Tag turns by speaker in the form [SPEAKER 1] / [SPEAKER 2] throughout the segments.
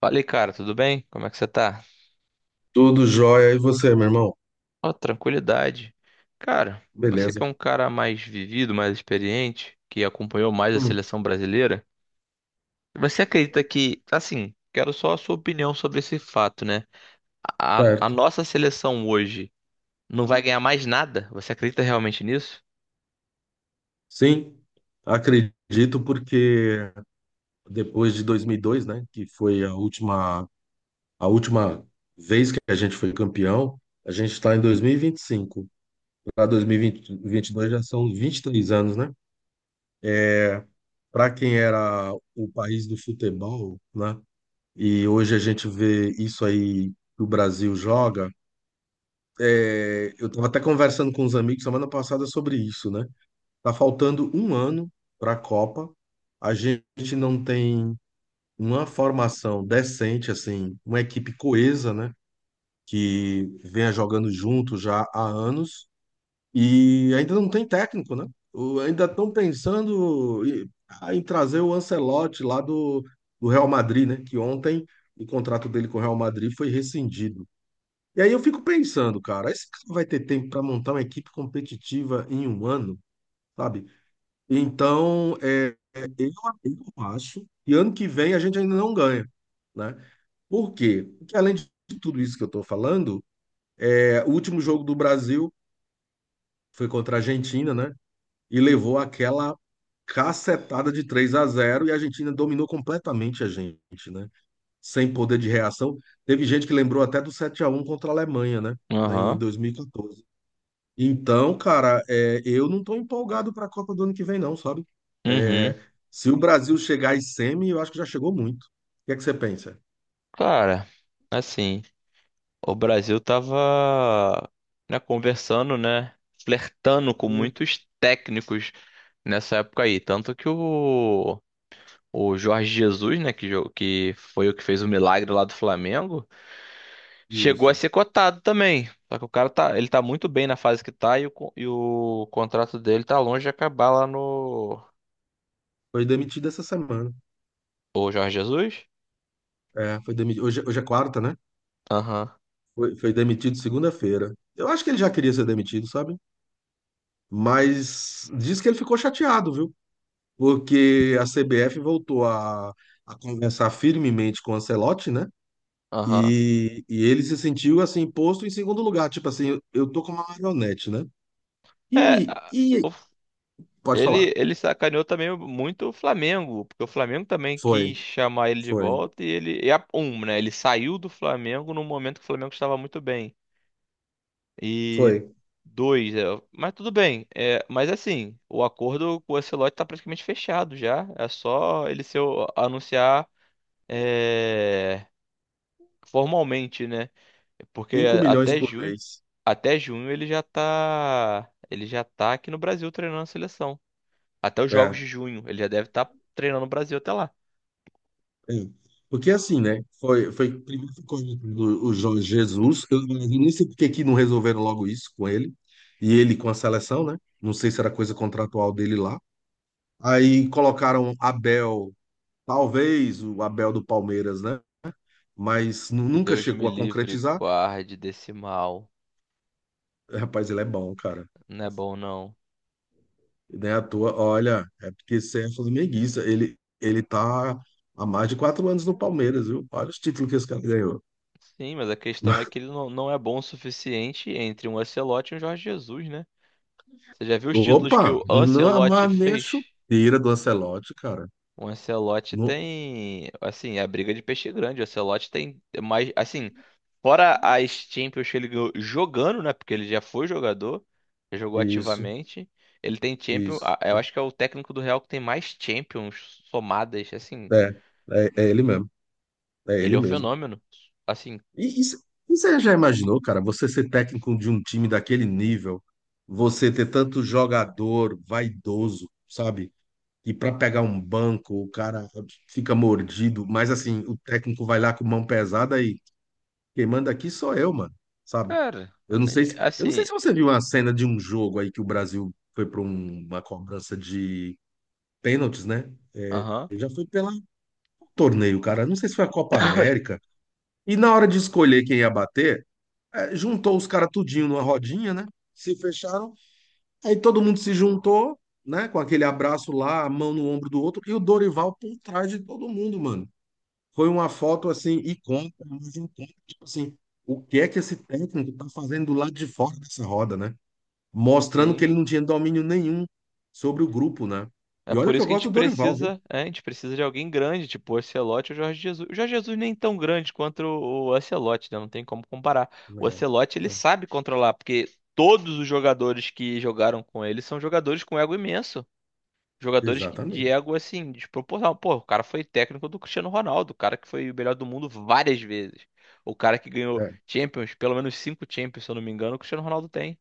[SPEAKER 1] Falei, cara, tudo bem? Como é que você tá?
[SPEAKER 2] Tudo jóia. E você, meu irmão?
[SPEAKER 1] Ó, tranquilidade. Cara, você que
[SPEAKER 2] Beleza.
[SPEAKER 1] é um cara mais vivido, mais experiente, que acompanhou mais a
[SPEAKER 2] Hum,
[SPEAKER 1] seleção brasileira, você acredita que, assim, quero só a sua opinião sobre esse fato, né? A
[SPEAKER 2] certo.
[SPEAKER 1] nossa seleção hoje não vai ganhar mais nada? Você acredita realmente nisso?
[SPEAKER 2] Sim, acredito porque depois de 2002, né, que foi a última vez que a gente foi campeão, a gente está em 2025. Para 2022 já são 23 anos, né? É, Para quem era o país do futebol, né, e hoje a gente vê isso aí que o Brasil joga, eu estava até conversando com os amigos semana passada sobre isso, né? Tá faltando um ano para a Copa. A gente não tem uma formação decente, assim, uma equipe coesa, né? Que venha jogando junto já há anos e ainda não tem técnico, né? Ainda estão pensando em trazer o Ancelotti lá do Real Madrid, né? Que ontem o contrato dele com o Real Madrid foi rescindido. E aí eu fico pensando, cara, esse cara vai ter tempo para montar uma equipe competitiva em um ano? Sabe? Então, eu acho que ano que vem a gente ainda não ganha, né? Por quê? Porque além de tudo isso que eu estou falando, o último jogo do Brasil foi contra a Argentina, né? E levou aquela cacetada de 3-0 e a Argentina dominou completamente a gente, né? Sem poder de reação. Teve gente que lembrou até do 7-1 contra a Alemanha, né? Em
[SPEAKER 1] Aham.
[SPEAKER 2] 2014. Então, cara, eu não estou empolgado para a Copa do ano que vem, não, sabe?
[SPEAKER 1] Uhum.
[SPEAKER 2] É, Se o Brasil chegar em semi, eu acho que já chegou muito. O que é que você pensa?
[SPEAKER 1] Cara, assim, o Brasil tava, né, conversando, né, flertando com
[SPEAKER 2] Hum.
[SPEAKER 1] muitos técnicos nessa época aí. Tanto que o Jorge Jesus, né, que, que foi o que fez o milagre lá do Flamengo, chegou a
[SPEAKER 2] Isso.
[SPEAKER 1] ser cotado também. Só que o cara tá, ele tá muito bem na fase que tá e e o contrato dele tá longe de acabar lá no.
[SPEAKER 2] Foi demitido essa semana.
[SPEAKER 1] O Jorge Jesus?
[SPEAKER 2] Foi demitido. Hoje, hoje é quarta, né?
[SPEAKER 1] Aham,
[SPEAKER 2] Foi demitido segunda-feira. Eu acho que ele já queria ser demitido, sabe? Mas diz que ele ficou chateado, viu? Porque a CBF voltou a conversar firmemente com o Ancelotti, né?
[SPEAKER 1] aham.
[SPEAKER 2] Ele se sentiu assim posto em segundo lugar, tipo assim, eu tô com uma marionete, né?
[SPEAKER 1] É,
[SPEAKER 2] E,
[SPEAKER 1] a-
[SPEAKER 2] e
[SPEAKER 1] o-
[SPEAKER 2] pode falar.
[SPEAKER 1] ele sacaneou também muito o Flamengo, porque o Flamengo também
[SPEAKER 2] Foi,
[SPEAKER 1] quis chamar ele de
[SPEAKER 2] foi,
[SPEAKER 1] volta e ele. E a, um, né? Ele saiu do Flamengo num momento que o Flamengo estava muito bem. E
[SPEAKER 2] foi.
[SPEAKER 1] dois, mas tudo bem. É, mas assim, o acordo com o Ancelotti tá praticamente fechado já. É só ele se anunciar é, formalmente, né? Porque
[SPEAKER 2] 5 milhões
[SPEAKER 1] até
[SPEAKER 2] por
[SPEAKER 1] junho,
[SPEAKER 2] mês.
[SPEAKER 1] até junho ele já tá aqui no Brasil treinando a seleção. Até os jogos
[SPEAKER 2] É.
[SPEAKER 1] de junho, ele já deve estar treinando o Brasil até lá.
[SPEAKER 2] É. Porque assim, né? Foi primeiro ficou o Jorge Jesus. Eu nem sei por que que não resolveram logo isso com ele. E ele com a seleção, né? Não sei se era coisa contratual dele lá. Aí colocaram Abel, talvez o Abel do Palmeiras, né? Mas nunca
[SPEAKER 1] Deus me
[SPEAKER 2] chegou a
[SPEAKER 1] livre,
[SPEAKER 2] concretizar.
[SPEAKER 1] guarde desse mal.
[SPEAKER 2] Rapaz, ele é bom, cara.
[SPEAKER 1] Não é bom, não.
[SPEAKER 2] Nem à toa, olha, é porque você é flamenguista. Ele tá há mais de 4 anos no Palmeiras, viu? Olha os títulos que esse cara ganhou.
[SPEAKER 1] Sim, mas a questão é que ele não, não é bom o suficiente entre um Ancelotti e um Jorge Jesus, né? Você já viu os títulos que
[SPEAKER 2] Opa,
[SPEAKER 1] o
[SPEAKER 2] não
[SPEAKER 1] Ancelotti
[SPEAKER 2] amarra nem a
[SPEAKER 1] fez?
[SPEAKER 2] chuteira do Ancelotti, cara.
[SPEAKER 1] O Ancelotti
[SPEAKER 2] No-
[SPEAKER 1] tem, assim, é a briga de peixe grande. O Ancelotti tem mais, assim, fora as Champions que ele ganhou jogando, né? Porque ele já foi jogador, já jogou
[SPEAKER 2] Isso,
[SPEAKER 1] ativamente. Ele tem Champions,
[SPEAKER 2] isso.
[SPEAKER 1] ah, eu acho que é o técnico do Real que tem mais Champions somadas, assim.
[SPEAKER 2] É, É ele mesmo. É
[SPEAKER 1] Ele
[SPEAKER 2] ele
[SPEAKER 1] é um
[SPEAKER 2] mesmo.
[SPEAKER 1] fenômeno. Assim,
[SPEAKER 2] E, e, c- e você já imaginou, cara, você ser técnico de um time daquele nível, você ter tanto jogador vaidoso, sabe? E para pegar um banco, o cara fica mordido, mas assim, o técnico vai lá com mão pesada e quem manda aqui sou eu, mano, sabe?
[SPEAKER 1] cara,
[SPEAKER 2] Eu não sei se, eu não sei
[SPEAKER 1] assim,
[SPEAKER 2] se você viu uma cena de um jogo aí que o Brasil foi para uma cobrança de pênaltis, né?
[SPEAKER 1] aham,
[SPEAKER 2] Já foi pelo torneio, cara. Não sei se foi a Copa América. E na hora de escolher quem ia bater, juntou os caras tudinho numa rodinha, né? Se fecharam. Aí todo mundo se juntou, né, com aquele abraço lá, a mão no ombro do outro, e o Dorival por trás de todo mundo, mano. Foi uma foto assim, icônica, mas icônica, tipo assim, o que é que esse técnico tá fazendo do lado de fora dessa roda, né? Mostrando que
[SPEAKER 1] sim.
[SPEAKER 2] ele não tinha domínio nenhum sobre o grupo, né?
[SPEAKER 1] É
[SPEAKER 2] E olha
[SPEAKER 1] por
[SPEAKER 2] que
[SPEAKER 1] isso
[SPEAKER 2] eu
[SPEAKER 1] que a
[SPEAKER 2] gosto
[SPEAKER 1] gente
[SPEAKER 2] do Dorival, viu?
[SPEAKER 1] precisa de alguém grande, tipo o Ancelotti ou o Jorge Jesus. O Jorge Jesus nem tão grande quanto o Ancelotti, né? Não tem como comparar. O
[SPEAKER 2] É,
[SPEAKER 1] Ancelotti, ele
[SPEAKER 2] é,
[SPEAKER 1] sabe controlar, porque todos os jogadores que jogaram com ele são jogadores com ego imenso. Jogadores de
[SPEAKER 2] Exatamente.
[SPEAKER 1] ego, assim, desproporcional. Pô, o cara foi técnico do Cristiano Ronaldo, o cara que foi o melhor do mundo várias vezes. O cara que ganhou
[SPEAKER 2] É,
[SPEAKER 1] Champions, pelo menos cinco Champions, se eu não me engano, o Cristiano Ronaldo tem.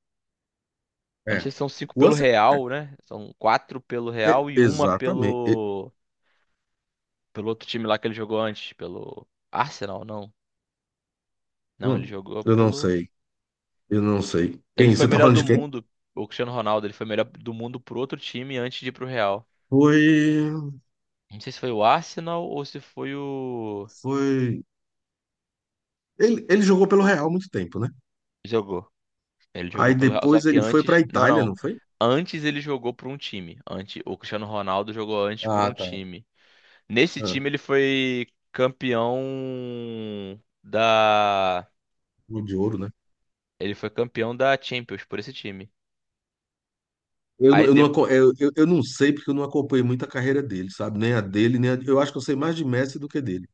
[SPEAKER 1] Eu não sei
[SPEAKER 2] é.
[SPEAKER 1] se são cinco
[SPEAKER 2] O
[SPEAKER 1] pelo
[SPEAKER 2] Ancelotti,
[SPEAKER 1] Real, né? São quatro pelo Real e uma
[SPEAKER 2] exatamente.
[SPEAKER 1] pelo outro time lá que ele jogou antes, pelo Arsenal, não. Não, ele
[SPEAKER 2] Hum,
[SPEAKER 1] jogou
[SPEAKER 2] eu não
[SPEAKER 1] pelo.
[SPEAKER 2] sei, eu não sei.
[SPEAKER 1] Ele
[SPEAKER 2] Quem?
[SPEAKER 1] foi
[SPEAKER 2] Você tá
[SPEAKER 1] melhor
[SPEAKER 2] falando
[SPEAKER 1] do
[SPEAKER 2] de quem?
[SPEAKER 1] mundo, o Cristiano Ronaldo, ele foi melhor do mundo pro outro time antes de ir pro Real.
[SPEAKER 2] Foi.
[SPEAKER 1] Não sei se foi o Arsenal ou se foi o.
[SPEAKER 2] Foi. Ele jogou pelo Real há muito tempo, né?
[SPEAKER 1] Jogou. Ele
[SPEAKER 2] Aí
[SPEAKER 1] jogou pelo Real, só
[SPEAKER 2] depois
[SPEAKER 1] que
[SPEAKER 2] ele foi pra
[SPEAKER 1] antes. Não,
[SPEAKER 2] Itália,
[SPEAKER 1] não.
[SPEAKER 2] não foi?
[SPEAKER 1] Antes ele jogou por um time. Antes... O Cristiano Ronaldo jogou antes por
[SPEAKER 2] Ah,
[SPEAKER 1] um
[SPEAKER 2] tá.
[SPEAKER 1] time. Nesse
[SPEAKER 2] Ah,
[SPEAKER 1] time ele foi campeão da.
[SPEAKER 2] gol de ouro, né?
[SPEAKER 1] Ele foi campeão da Champions por esse time.
[SPEAKER 2] Eu, não-
[SPEAKER 1] Aí,
[SPEAKER 2] eu, não, aco- eu, eu eu não sei porque eu não acompanhei muito a carreira dele, sabe? Nem a dele, nem a... Eu acho que eu sei mais de Messi do que dele.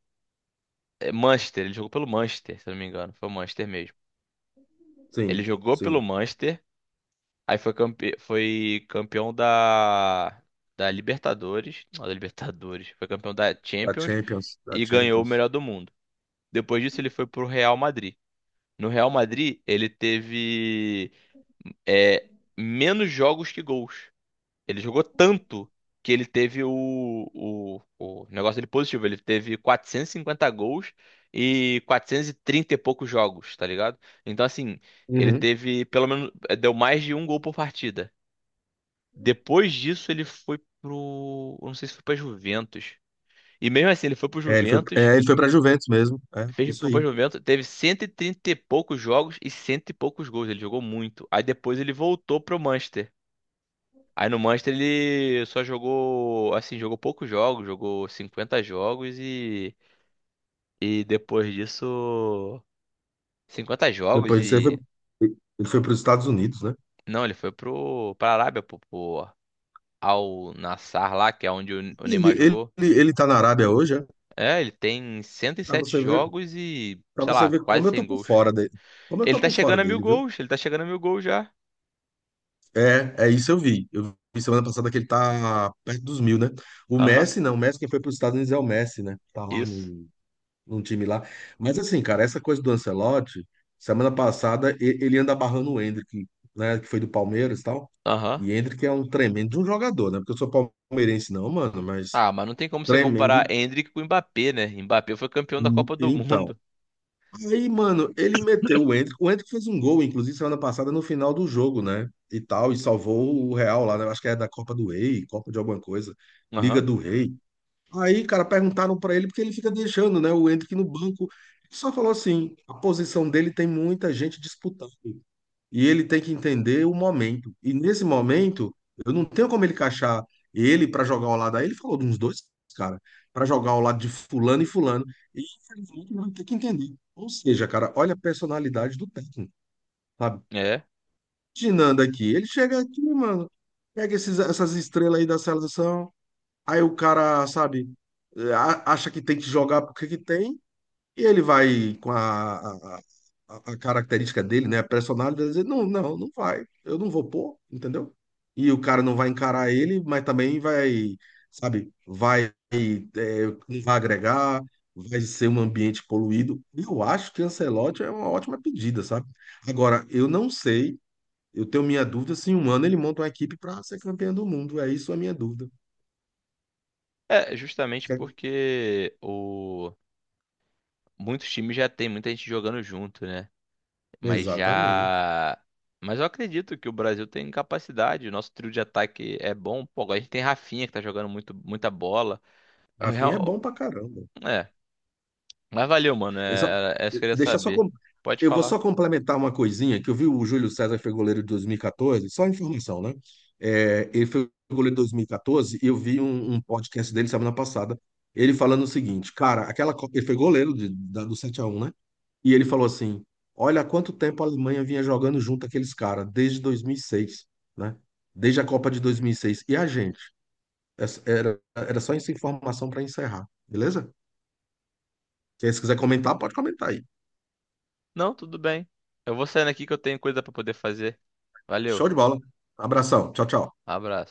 [SPEAKER 1] Manchester, ele jogou pelo Manchester, se eu não me engano. Foi o Manchester mesmo. Ele
[SPEAKER 2] Sim,
[SPEAKER 1] jogou pelo
[SPEAKER 2] sim.
[SPEAKER 1] Manchester, aí foi campeão da... da Libertadores. Não, da Libertadores. Foi campeão da
[SPEAKER 2] Da
[SPEAKER 1] Champions
[SPEAKER 2] Champions, da
[SPEAKER 1] e ganhou o
[SPEAKER 2] Champions.
[SPEAKER 1] melhor do mundo. Depois disso, ele foi pro Real Madrid. No Real Madrid, ele teve é, menos jogos que gols. Ele jogou tanto que ele teve o negócio dele positivo. Ele teve 450 gols e 430 e trinta e poucos jogos, tá ligado? Então, assim, ele
[SPEAKER 2] Uhum.
[SPEAKER 1] teve pelo menos. Deu mais de um gol por partida. Depois disso, ele foi pro. Eu não sei se foi pra Juventus. E mesmo assim, ele foi pro
[SPEAKER 2] É, ele foi,
[SPEAKER 1] Juventus.
[SPEAKER 2] é, ele foi pra Juventus mesmo. É,
[SPEAKER 1] Fez,
[SPEAKER 2] isso
[SPEAKER 1] foi pra
[SPEAKER 2] aí.
[SPEAKER 1] Juventus, teve 130 e trinta e poucos jogos e cento e poucos gols. Ele jogou muito. Aí depois ele voltou pro Manchester. Aí no Manchester ele só jogou, assim, jogou poucos jogos, jogou 50 jogos e depois disso, 50 jogos
[SPEAKER 2] Depois disso, ele
[SPEAKER 1] e,
[SPEAKER 2] foi, ele foi para os Estados Unidos, né?
[SPEAKER 1] não, ele foi pra Arábia, pro Al Nassr lá, que é onde o
[SPEAKER 2] Ele,
[SPEAKER 1] Neymar jogou.
[SPEAKER 2] ele, ele tá na Arábia hoje, é?
[SPEAKER 1] É, ele tem cento e
[SPEAKER 2] Pra
[SPEAKER 1] sete
[SPEAKER 2] você ver,
[SPEAKER 1] jogos e,
[SPEAKER 2] Para
[SPEAKER 1] sei
[SPEAKER 2] você
[SPEAKER 1] lá,
[SPEAKER 2] ver como
[SPEAKER 1] quase
[SPEAKER 2] eu tô
[SPEAKER 1] 100
[SPEAKER 2] por
[SPEAKER 1] gols.
[SPEAKER 2] fora dele. Como eu
[SPEAKER 1] Ele
[SPEAKER 2] tô
[SPEAKER 1] tá
[SPEAKER 2] por fora
[SPEAKER 1] chegando a mil
[SPEAKER 2] dele, viu?
[SPEAKER 1] gols, ele tá chegando a mil gols já.
[SPEAKER 2] É isso eu vi. Eu vi semana passada que ele tá perto dos mil, né? O
[SPEAKER 1] Aham,
[SPEAKER 2] Messi, não. O Messi, quem foi para os Estados Unidos é o Messi, né? Tá lá
[SPEAKER 1] isso.
[SPEAKER 2] num, num time lá. Mas assim, cara, essa coisa do Ancelotti, semana passada ele anda barrando o Endrick, né? Que foi do Palmeiras e tal.
[SPEAKER 1] Aham.
[SPEAKER 2] E Endrick é um tremendo de um jogador, né? Porque eu sou palmeirense, não, mano, mas
[SPEAKER 1] Ah, mas não tem como você
[SPEAKER 2] tremendo.
[SPEAKER 1] comparar Endrick com o Mbappé, né? Mbappé foi campeão da Copa do
[SPEAKER 2] Então.
[SPEAKER 1] Mundo.
[SPEAKER 2] Aí, mano, ele meteu o Endrick. O Endrick fez um gol, inclusive, semana passada, no final do jogo, né? E tal, e salvou o Real lá, né? Acho que é da Copa do Rei, Copa de alguma coisa, Liga
[SPEAKER 1] Aham.
[SPEAKER 2] do Rei. Aí, cara, perguntaram pra ele porque ele fica deixando, né, o Endrick no banco. Ele só falou assim: a posição dele tem muita gente disputando e ele tem que entender o momento. E nesse momento, eu não tenho como ele encaixar ele para jogar ao lado. Aí ele falou de uns dois, cara, para jogar ao lado de fulano e fulano. E infelizmente ele vai ter que entender. Ou seja, cara, olha a personalidade do técnico, sabe?
[SPEAKER 1] É.
[SPEAKER 2] Imaginando aqui, ele chega aqui, mano, pega esses, essas estrelas aí da seleção, aí o cara, sabe, acha que tem que jogar porque que tem, e ele vai com a característica dele, né? A personalidade, vai dizer, não, não, não vai. Eu não vou pôr, entendeu? E o cara não vai encarar ele, mas também vai, sabe, vai, não vai agregar, vai ser um ambiente poluído. Eu acho que Ancelotti é uma ótima pedida, sabe? Agora, eu não sei, eu tenho minha dúvida se em um ano ele monta uma equipe para ser campeão do mundo. É isso a minha dúvida.
[SPEAKER 1] É, justamente
[SPEAKER 2] Certo?
[SPEAKER 1] porque muitos times já tem muita gente jogando junto, né? Mas
[SPEAKER 2] Exatamente.
[SPEAKER 1] já. Mas eu acredito que o Brasil tem capacidade. O nosso trio de ataque é bom. Pô, agora a gente tem Rafinha que tá jogando muito, muita bola. É,
[SPEAKER 2] Rafinha é bom
[SPEAKER 1] Real-
[SPEAKER 2] pra caramba.
[SPEAKER 1] É. Mas valeu, mano.
[SPEAKER 2] Eu só,
[SPEAKER 1] É isso que eu queria
[SPEAKER 2] deixar só
[SPEAKER 1] saber.
[SPEAKER 2] com-
[SPEAKER 1] Pode
[SPEAKER 2] eu vou
[SPEAKER 1] falar.
[SPEAKER 2] só complementar uma coisinha, que eu vi o Júlio César foi goleiro de 2014, só informação, né? É, ele foi goleiro de 2014 e eu vi um podcast dele semana passada, ele falando o seguinte, cara, aquela, ele foi goleiro do 7-1, né? E ele falou assim, olha há quanto tempo a Alemanha vinha jogando junto aqueles caras, desde 2006, né? Desde a Copa de 2006. E seis. E a gente? Essa- Era só essa informação para encerrar, beleza? Se quiser comentar, pode comentar aí.
[SPEAKER 1] Não, tudo bem. Eu vou saindo aqui que eu tenho coisa pra poder fazer. Valeu.
[SPEAKER 2] Show de bola. Abração. Tchau, tchau.
[SPEAKER 1] Abraço.